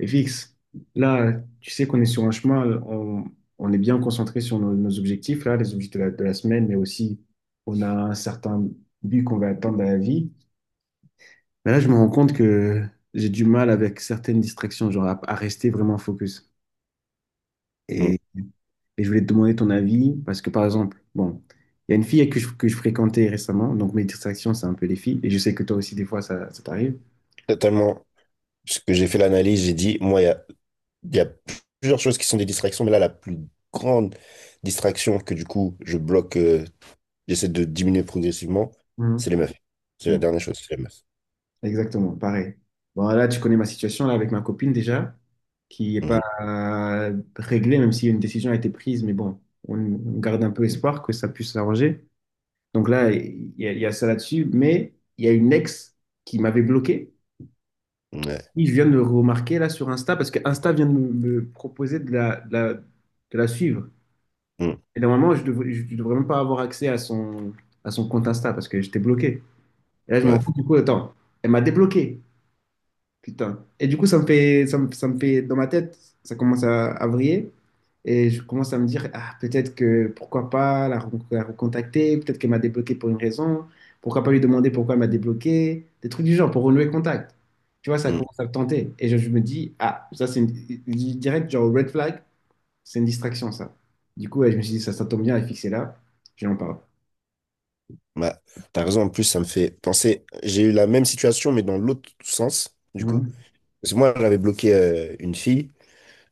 Et fixe, là, tu sais qu'on est sur un chemin, on est bien concentré sur nos objectifs, là, les objectifs de la semaine, mais aussi on a un certain but qu'on va atteindre dans la vie. Mais là, je me rends compte que j'ai du mal avec certaines distractions, genre à rester vraiment focus. Mm. Et, et je voulais te demander ton avis, parce que par exemple, bon, il y a une fille que je fréquentais récemment, donc mes distractions, c'est un peu les filles, et je sais que toi aussi, des fois, ça t'arrive. Totalement. Parce que j'ai fait l'analyse, j'ai dit, moi, il y a plusieurs choses qui sont des distractions, mais là, la plus grande distraction que du coup, je bloque, j'essaie de diminuer progressivement, c'est les Mhm. meufs. C'est la Mhm. dernière chose, c'est les meufs. Exactement, pareil. Bon, là, tu connais ma situation là, avec ma copine déjà, qui n'est pas Mhm. Réglée, même si une décision a été prise, mais bon, on garde un peu espoir que ça puisse s'arranger. Donc là, il y a ça là-dessus, mais il y a une ex qui m'avait bloqué. Ouais. Oui, je viens de le remarquer là sur Insta parce que Insta vient de me proposer de la suivre. Mm. Et normalement, je devrais même pas avoir accès à son compte Insta parce que j'étais bloqué. Et là, je m'en Ouais. rends compte, du coup, attends, elle m'a débloqué. Putain. Et du coup, ça me fait, dans ma tête, ça commence à vriller. Et je commence à me dire, ah, peut-être que, pourquoi pas la recontacter, peut-être qu'elle m'a débloqué pour une raison, pourquoi pas lui demander pourquoi elle m'a débloqué, des trucs du genre, pour renouer contact. Tu vois, ça Mm. commence à me tenter. Et je me dis, ah, ça c'est une, direct, genre red flag, c'est une distraction, ça. Du coup, ouais, je me suis dit, ça tombe bien, elle est fixée là, je lui en parle. Bah, t'as raison, en plus, ça me fait penser, j'ai eu la même situation, mais dans l'autre sens, du coup. Mhm. Parce que moi, j'avais bloqué une fille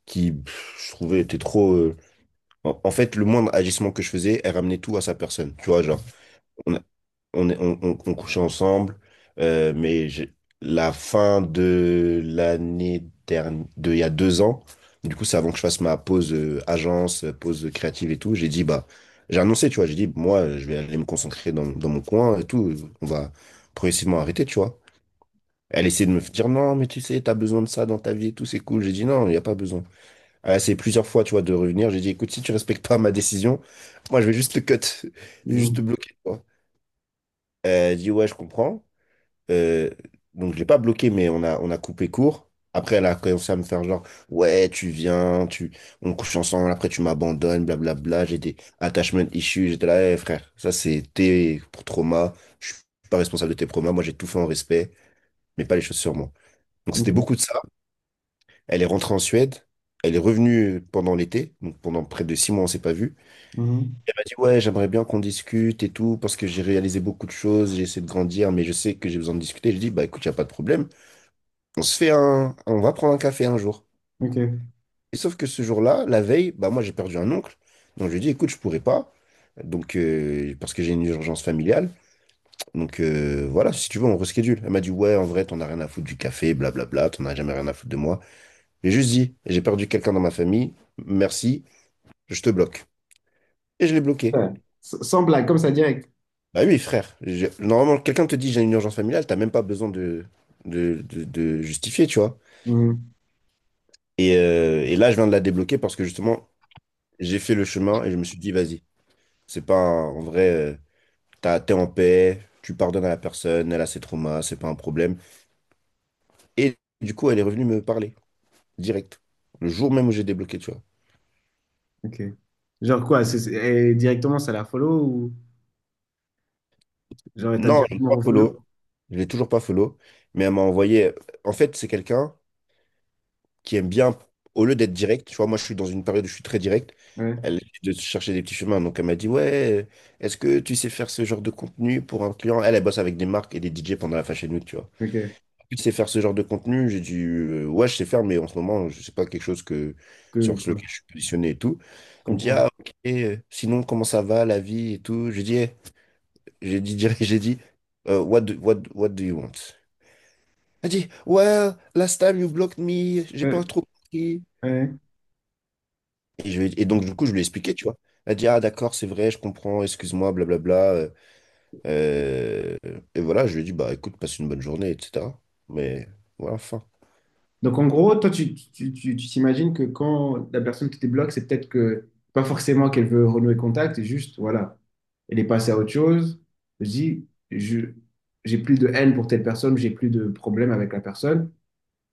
qui, pff, je trouvais, était trop. En fait, le moindre agissement que je faisais, elle ramenait tout à sa personne. Tu vois, genre. On on, est- on couchait ensemble, mais la fin de l'année dernière, il y a 2 ans, du coup, c'est avant que je fasse ma pause agence, pause créative et tout, j'ai dit, bah, j'ai annoncé, tu vois, j'ai dit, moi, je vais aller me concentrer dans mon coin et tout, on va progressivement arrêter, tu vois. Elle essayait de me dire, non, mais tu sais, t'as besoin de ça dans ta vie et tout, c'est cool. J'ai dit, non, il n'y a pas besoin. Elle a essayé plusieurs fois, tu vois, de revenir. J'ai dit, écoute, si tu respectes pas ma décision, moi, je vais juste te cut, juste te Mhm. bloquer, tu vois. Elle dit, ouais, je comprends. Euh, donc je l'ai pas bloqué, mais on a coupé court. Après, elle a commencé à me faire genre, ouais, tu viens, on couche ensemble, après tu m'abandonnes, blablabla. J'ai des attachment issues, j'étais là, eh, frère, ça c'est tes pour trauma. Je suis pas responsable de tes traumas, moi j'ai tout fait en respect, mais pas les choses sur moi. Donc c'était Ok. beaucoup de ça. Elle est rentrée en Suède, elle est revenue pendant l'été, donc pendant près de 6 mois on s'est pas vu. Mhm. Elle m'a dit, ouais, j'aimerais bien qu'on discute et tout, parce que j'ai réalisé beaucoup de choses, j'ai essayé de grandir, mais je sais que j'ai besoin de discuter. Je dis, bah écoute, y a pas de problème. On va prendre un café un jour. Ok. Et sauf que ce jour-là, la veille, bah moi j'ai perdu un oncle, donc je lui ai dit écoute je pourrais pas, donc parce que j'ai une urgence familiale, donc voilà si tu veux on reschedule. Elle m'a dit ouais en vrai t'en as rien à foutre du café, blablabla, t'en as jamais rien à foutre de moi. J'ai juste dit j'ai perdu quelqu'un dans ma famille, merci, je te bloque. Et je l'ai bloqué. Ouais. Sans blague, comme ça, direct. Bah oui frère, normalement quelqu'un te dit j'ai une urgence familiale, t'as même pas besoin de justifier tu vois. Mmh. Et là je viens de la débloquer parce que justement j'ai fait le chemin et je me suis dit, vas-y, c'est pas un- en vrai, t'es en paix, tu pardonnes à la personne, elle a ses traumas, c'est pas un problème. Et du coup, elle est revenue me parler, direct, le jour même où j'ai débloqué, tu vois. Ok. Genre quoi, et directement ça la follow ou genre t'as Non, je l'ai directement pas refollow? follow, je l'ai toujours pas follow, mais elle m'a envoyé. En fait, c'est quelqu'un qui aime bien, au lieu d'être direct, tu vois, moi je suis dans une période où je suis très direct, Ouais, elle essaie de chercher des petits chemins, donc elle m'a dit, ouais, est-ce que tu sais faire ce genre de contenu pour un client? Elle bosse avec des marques et des DJ pendant la Fashion Week, tu vois. ok. Parce Tu sais faire ce genre de contenu? J'ai dit, ouais, je sais faire, mais en ce moment, je sais pas quelque chose sur que, lequel quoi, je suis positionné et tout. je Elle me dit, comprends. ah, ok, sinon, comment ça va, la vie et tout? J'ai dit, eh, j'ai dit, direct, j'ai dit, what do you want? Elle dit, well, last time you blocked me, j'ai Euh, pas trop compris. ouais. Et donc, du coup, je lui ai expliqué, tu vois. Elle dit, ah, d'accord, c'est vrai, je comprends, excuse-moi, blablabla. Euh, et voilà, je lui ai dit, bah, écoute, passe une bonne journée, etc. Mais voilà, enfin. Donc en gros, toi tu t'imagines que quand la personne te débloque, c'est peut-être que pas forcément qu'elle veut renouer contact, c'est juste voilà, elle est passée à autre chose. Je dis, je j'ai plus de haine pour telle personne, j'ai plus de problème avec la personne,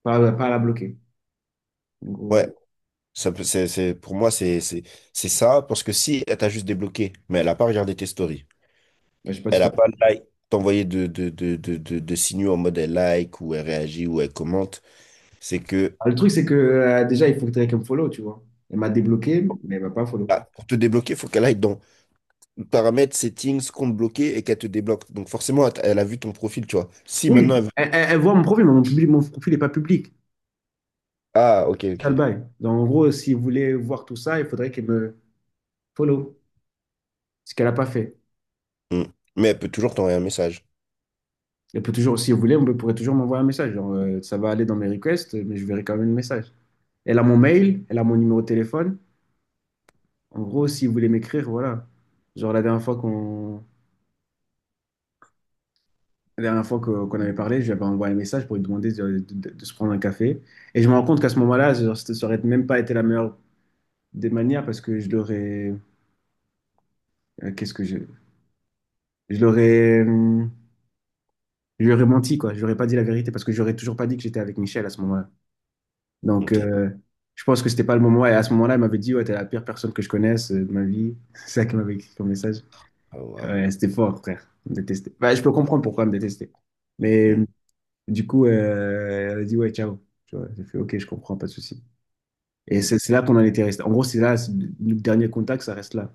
pas à la bloquer. En gros, Pour moi, c'est ça, parce que si elle t'a juste débloqué, mais elle a pas regardé tes stories, bah, j'ai pas de elle a story. pas like, t'envoyé de signaux en mode elle like, ou elle réagit, ou elle commente, c'est que, Ah, le truc c'est que déjà il faudrait qu'elle me follow, tu vois. Elle m'a débloqué, mais elle m'a pas follow. ah, pour te débloquer, il faut qu'elle aille dans paramètres, settings, compte bloqué, et qu'elle te débloque. Donc forcément, elle a vu ton profil, tu vois. Si Oui, maintenant elle veut. elle voit mon profil, mais mon profil n'est pas public. Ah, ok, C'est ça le ok. bail. Donc, en gros, si vous voulez voir tout ça, il faudrait qu'elle me follow, ce qu'elle n'a pas fait. Hmm. Mais elle peut toujours t'envoyer un message. Elle peut toujours, si vous voulez, on pourrait toujours m'envoyer un message. Genre, ça va aller dans mes requests, mais je verrai quand même le message. Elle a mon mail, elle a mon numéro de téléphone. En gros, si vous voulez m'écrire, voilà. Genre, la dernière fois qu'on la dernière fois que- qu'on avait parlé, j'avais envoyé un message pour lui demander de se prendre un café. Et je me rends compte qu'à ce moment-là, genre, ça n'aurait même pas été la meilleure des manières parce que euh, Qu'est-ce que je... je l'aurais, je lui aurais menti, quoi. Je lui aurais pas dit la vérité parce que j'aurais toujours pas dit que j'étais avec Michel à ce moment-là. Donc, Ok. Je pense que c'était pas le moment. Et à ce moment-là, il m'avait dit, ouais, t'es la pire personne que je connaisse de ma vie. C'est ça qu'elle m'avait écrit comme message. Ah, wow. Ouais, c'était fort, frère. Elle me détestait. Bah, je peux comprendre pourquoi elle me détestait. Mais Hmm, du coup, elle a dit, ouais, ciao. Tu vois, j'ai fait, ok, je comprends, pas de souci. Et hmm. c'est là qu'on en était resté. En gros, c'est là, le dernier contact, ça reste là.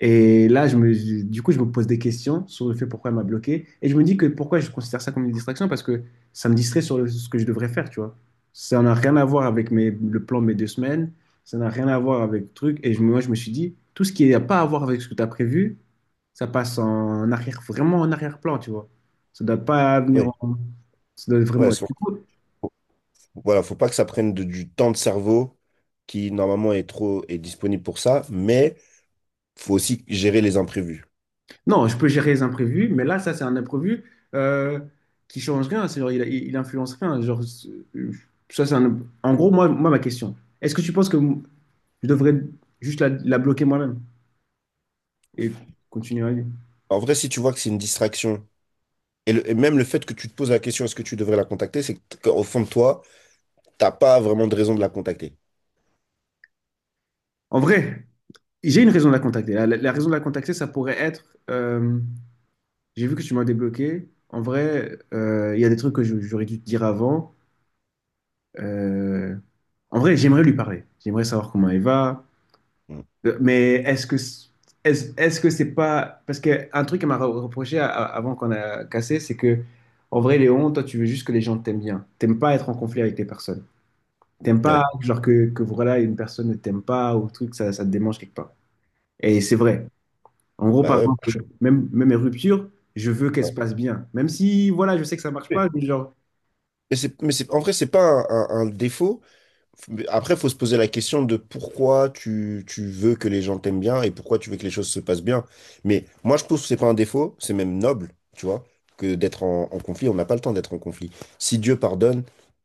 Et là, du coup, je me pose des questions sur le fait pourquoi elle m'a bloqué. Et je me dis que pourquoi je considère ça comme une distraction, parce que ça me distrait sur ce que je devrais faire, tu vois. Ça n'a rien à voir avec le plan de mes deux semaines, ça n'a rien à voir avec le truc. Et moi, je me suis dit, tout ce qui n'a pas à voir avec ce que tu as prévu, ça passe en arrière, vraiment en arrière-plan, tu vois. Ça ne doit pas venir Oui, en. Ça doit vraiment. ouais, c'est vrai. Du coup, Voilà, faut pas que ça prenne du temps de cerveau qui normalement est disponible pour ça, mais faut aussi gérer les imprévus. non, je peux gérer les imprévus, mais là, ça, c'est un imprévu euh, qui change rien. C'est genre, il influence rien. Genre, ça, c'est un- en gros, moi, ma question, est-ce que tu penses que je devrais juste la bloquer moi-même et continuer à vie? En vrai, si tu vois que c'est une distraction, et même le fait que tu te poses la question est-ce que tu devrais la contacter, c'est qu'au fond de toi, t'as pas vraiment de raison de la contacter. En vrai, j'ai une raison de la contacter. La raison de la contacter, ça pourrait être, j'ai vu que tu m'as débloqué. En vrai, il y a des trucs que j'aurais dû te dire avant. Euh, En vrai, j'aimerais lui parler. J'aimerais savoir comment elle va. Mm. Mais est-ce que c'est pas parce que un truc qu'elle m'a reproché avant qu'on a cassé, c'est que en vrai Léon, toi tu veux juste que les gens t'aiment bien. T'aimes pas être en conflit avec les personnes. T'aimes Ouais. pas genre que voilà une personne ne t'aime pas ou truc ça te démange quelque part. Et c'est vrai. En gros Bah par ouais, moi, je suis exemple même mes ruptures, je veux qu'elles se passent bien. Même si voilà je sais que ça marche pas, désolé. mais genre Mais c'est, en vrai, c'est pas un défaut. Mais après, faut se poser la question de pourquoi tu veux que les gens t'aiment bien et pourquoi tu veux que les choses se passent bien. Mais moi, je trouve que c'est pas un défaut, c'est même noble, tu vois, que d'être en conflit. On n'a pas le temps d'être en conflit. Si Dieu pardonne,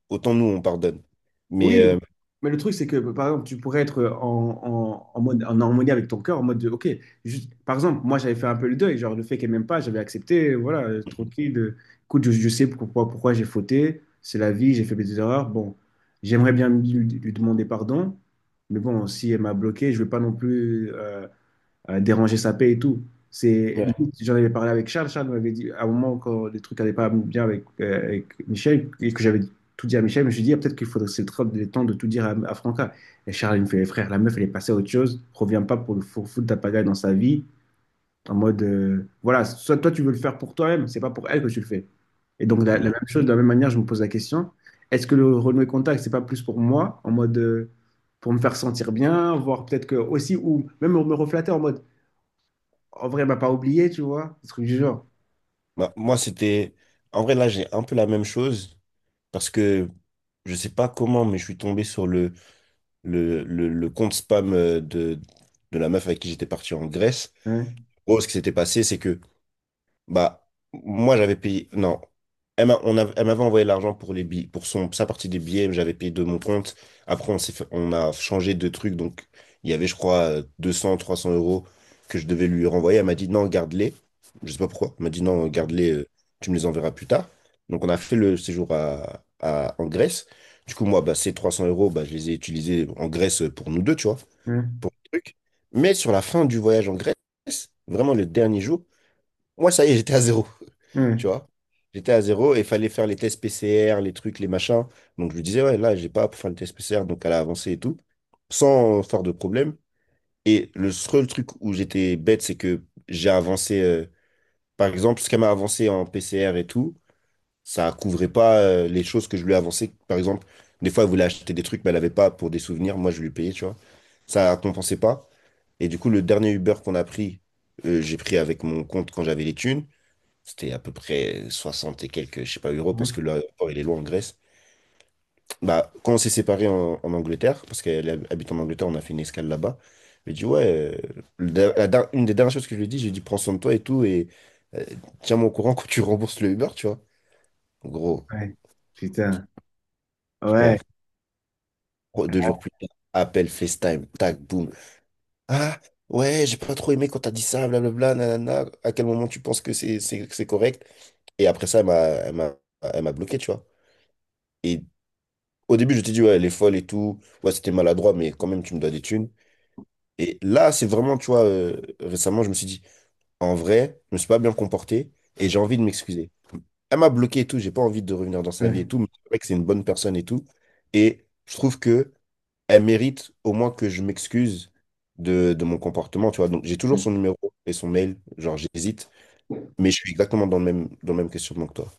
autant nous, on pardonne. Mais, oui, mais le truc, c'est que, par exemple, tu pourrais être en mode, en harmonie avec ton cœur, en mode de, OK, juste, par exemple, moi, j'avais fait un peu le deuil, genre le fait qu'elle m'aime pas, j'avais accepté, voilà, tranquille, écoute, je sais pourquoi j'ai fauté, c'est la vie, j'ai fait des erreurs, bon, j'aimerais bien lui demander pardon, mais bon, si elle m'a bloqué, je veux pas non plus déranger sa paix et tout. C'est ouais. limite, j'en avais parlé avec Charles. Charles m'avait dit, à un moment, quand les trucs n'allaient pas bien avec Michel, et que j'avais tout dit à Michel, je me suis dit, ah, peut-être qu'il faudrait, c'est le temps de tout dire à Franca. Et Charles, il me fait, frère, la meuf, elle est passée à autre chose, reviens pas pour foutre ta pagaille dans sa vie, en mode, voilà, soit toi, tu veux le faire pour toi-même, c'est pas pour elle que tu le fais. Et donc, la même mm, chose, de la même manière, je me pose la question, est-ce que le renouer contact, c'est pas plus pour moi, en mode, pour me faire sentir bien, voir peut-être que aussi, ou même me reflatter en mode, en vrai, elle m'a pas oublié, tu vois, ce truc du genre. Bah, moi, c'était. En vrai, là, j'ai un peu la même chose parce que je sais pas comment, mais je suis tombé sur le compte spam de la meuf avec qui j'étais parti en Grèce. Ouais, En gros, ce qui s'était passé, c'est que bah, moi, j'avais payé. Non. Elle m'avait envoyé l'argent pour les billets, pour son, sa partie des billets, mais j'avais payé de mon compte. Après, on a changé de truc. Donc, il y avait, je crois, 200, 300 € que je devais lui renvoyer. Elle m'a dit non, garde-les. Je sais pas pourquoi. Elle m'a dit non, garde-les, tu me les enverras plus tard. Donc, on a fait le séjour en Grèce. Du coup, moi, bah, ces 300 euros, bah, je les ai utilisés en Grèce pour nous deux, tu vois, ouais, pour le truc. Mais sur la fin du voyage en Grèce, vraiment le dernier jour, moi, ça y est, j'étais à zéro. Tu ouais, vois? J'étais à zéro et il fallait faire les tests PCR, les trucs, les machins. Donc, je lui disais, ouais, là, j'ai pas pour faire le test PCR, donc elle a avancé et tout, sans faire de problème. Et le seul truc où j'étais bête, c'est que j'ai avancé, par exemple, ce qu'elle m'a avancé en PCR et tout, ça couvrait pas, les choses que je lui ai avancées. Par exemple, des fois, elle voulait acheter des trucs, mais elle avait pas pour des souvenirs. Moi, je lui payais, tu vois? Ça compensait pas. Et du coup, le dernier Uber qu'on a pris, j'ai pris avec mon compte quand j'avais les thunes. C'était à peu près 60 et quelques, je sais pas, euros, ouais, parce que l'aéroport, il est loin en Grèce. Bah, quand on s'est séparés en Angleterre, parce qu'elle habite en Angleterre, on a fait une escale là-bas. Je lui ai dit, ouais, une des dernières choses que je lui ai dit, j'ai dit, prends soin de toi et tout, et euh, tiens-moi au courant quand tu rembourses le Uber, tu vois. Gros, ouais. Putain, ouais, frère, gros, 2 jours plus tard, appel FaceTime, tac, boum. Ah, ouais, j'ai pas trop aimé quand t'as dit ça, blablabla, nanana. À quel moment tu penses que c'est correct? Et après ça, elle m'a bloqué, tu vois. Et au début, je t'ai dit, ouais, elle est folle et tout. Ouais, c'était maladroit, mais quand même, tu me dois des thunes. Et là, c'est vraiment, tu vois, récemment, je me suis dit, en vrai, je me suis pas bien comporté et j'ai envie de m'excuser. Elle m'a bloqué et tout, j'ai pas envie de revenir dans sa vie et ouais, tout, mais c'est vrai que c'est une bonne personne et tout. Et je trouve que elle mérite au moins que je m'excuse de mon comportement, tu vois. Donc, j'ai toujours ouais. son numéro et son mail, genre, j'hésite, mais je suis exactement dans le même questionnement que toi.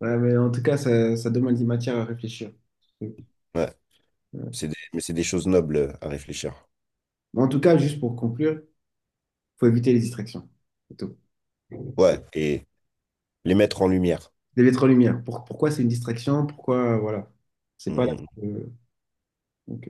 Ouais, mais en tout cas, ça demande des matières à réfléchir. Ouais. Ouais, mais c'est des choses nobles à réfléchir. Mais en tout cas, juste pour conclure, faut éviter les distractions. C'est tout. Les Ouais, et les mettre en lumière. lettres en lumière. Pourquoi c'est une distraction? Pourquoi, voilà. C'est pas là. Mm, mm. Ok.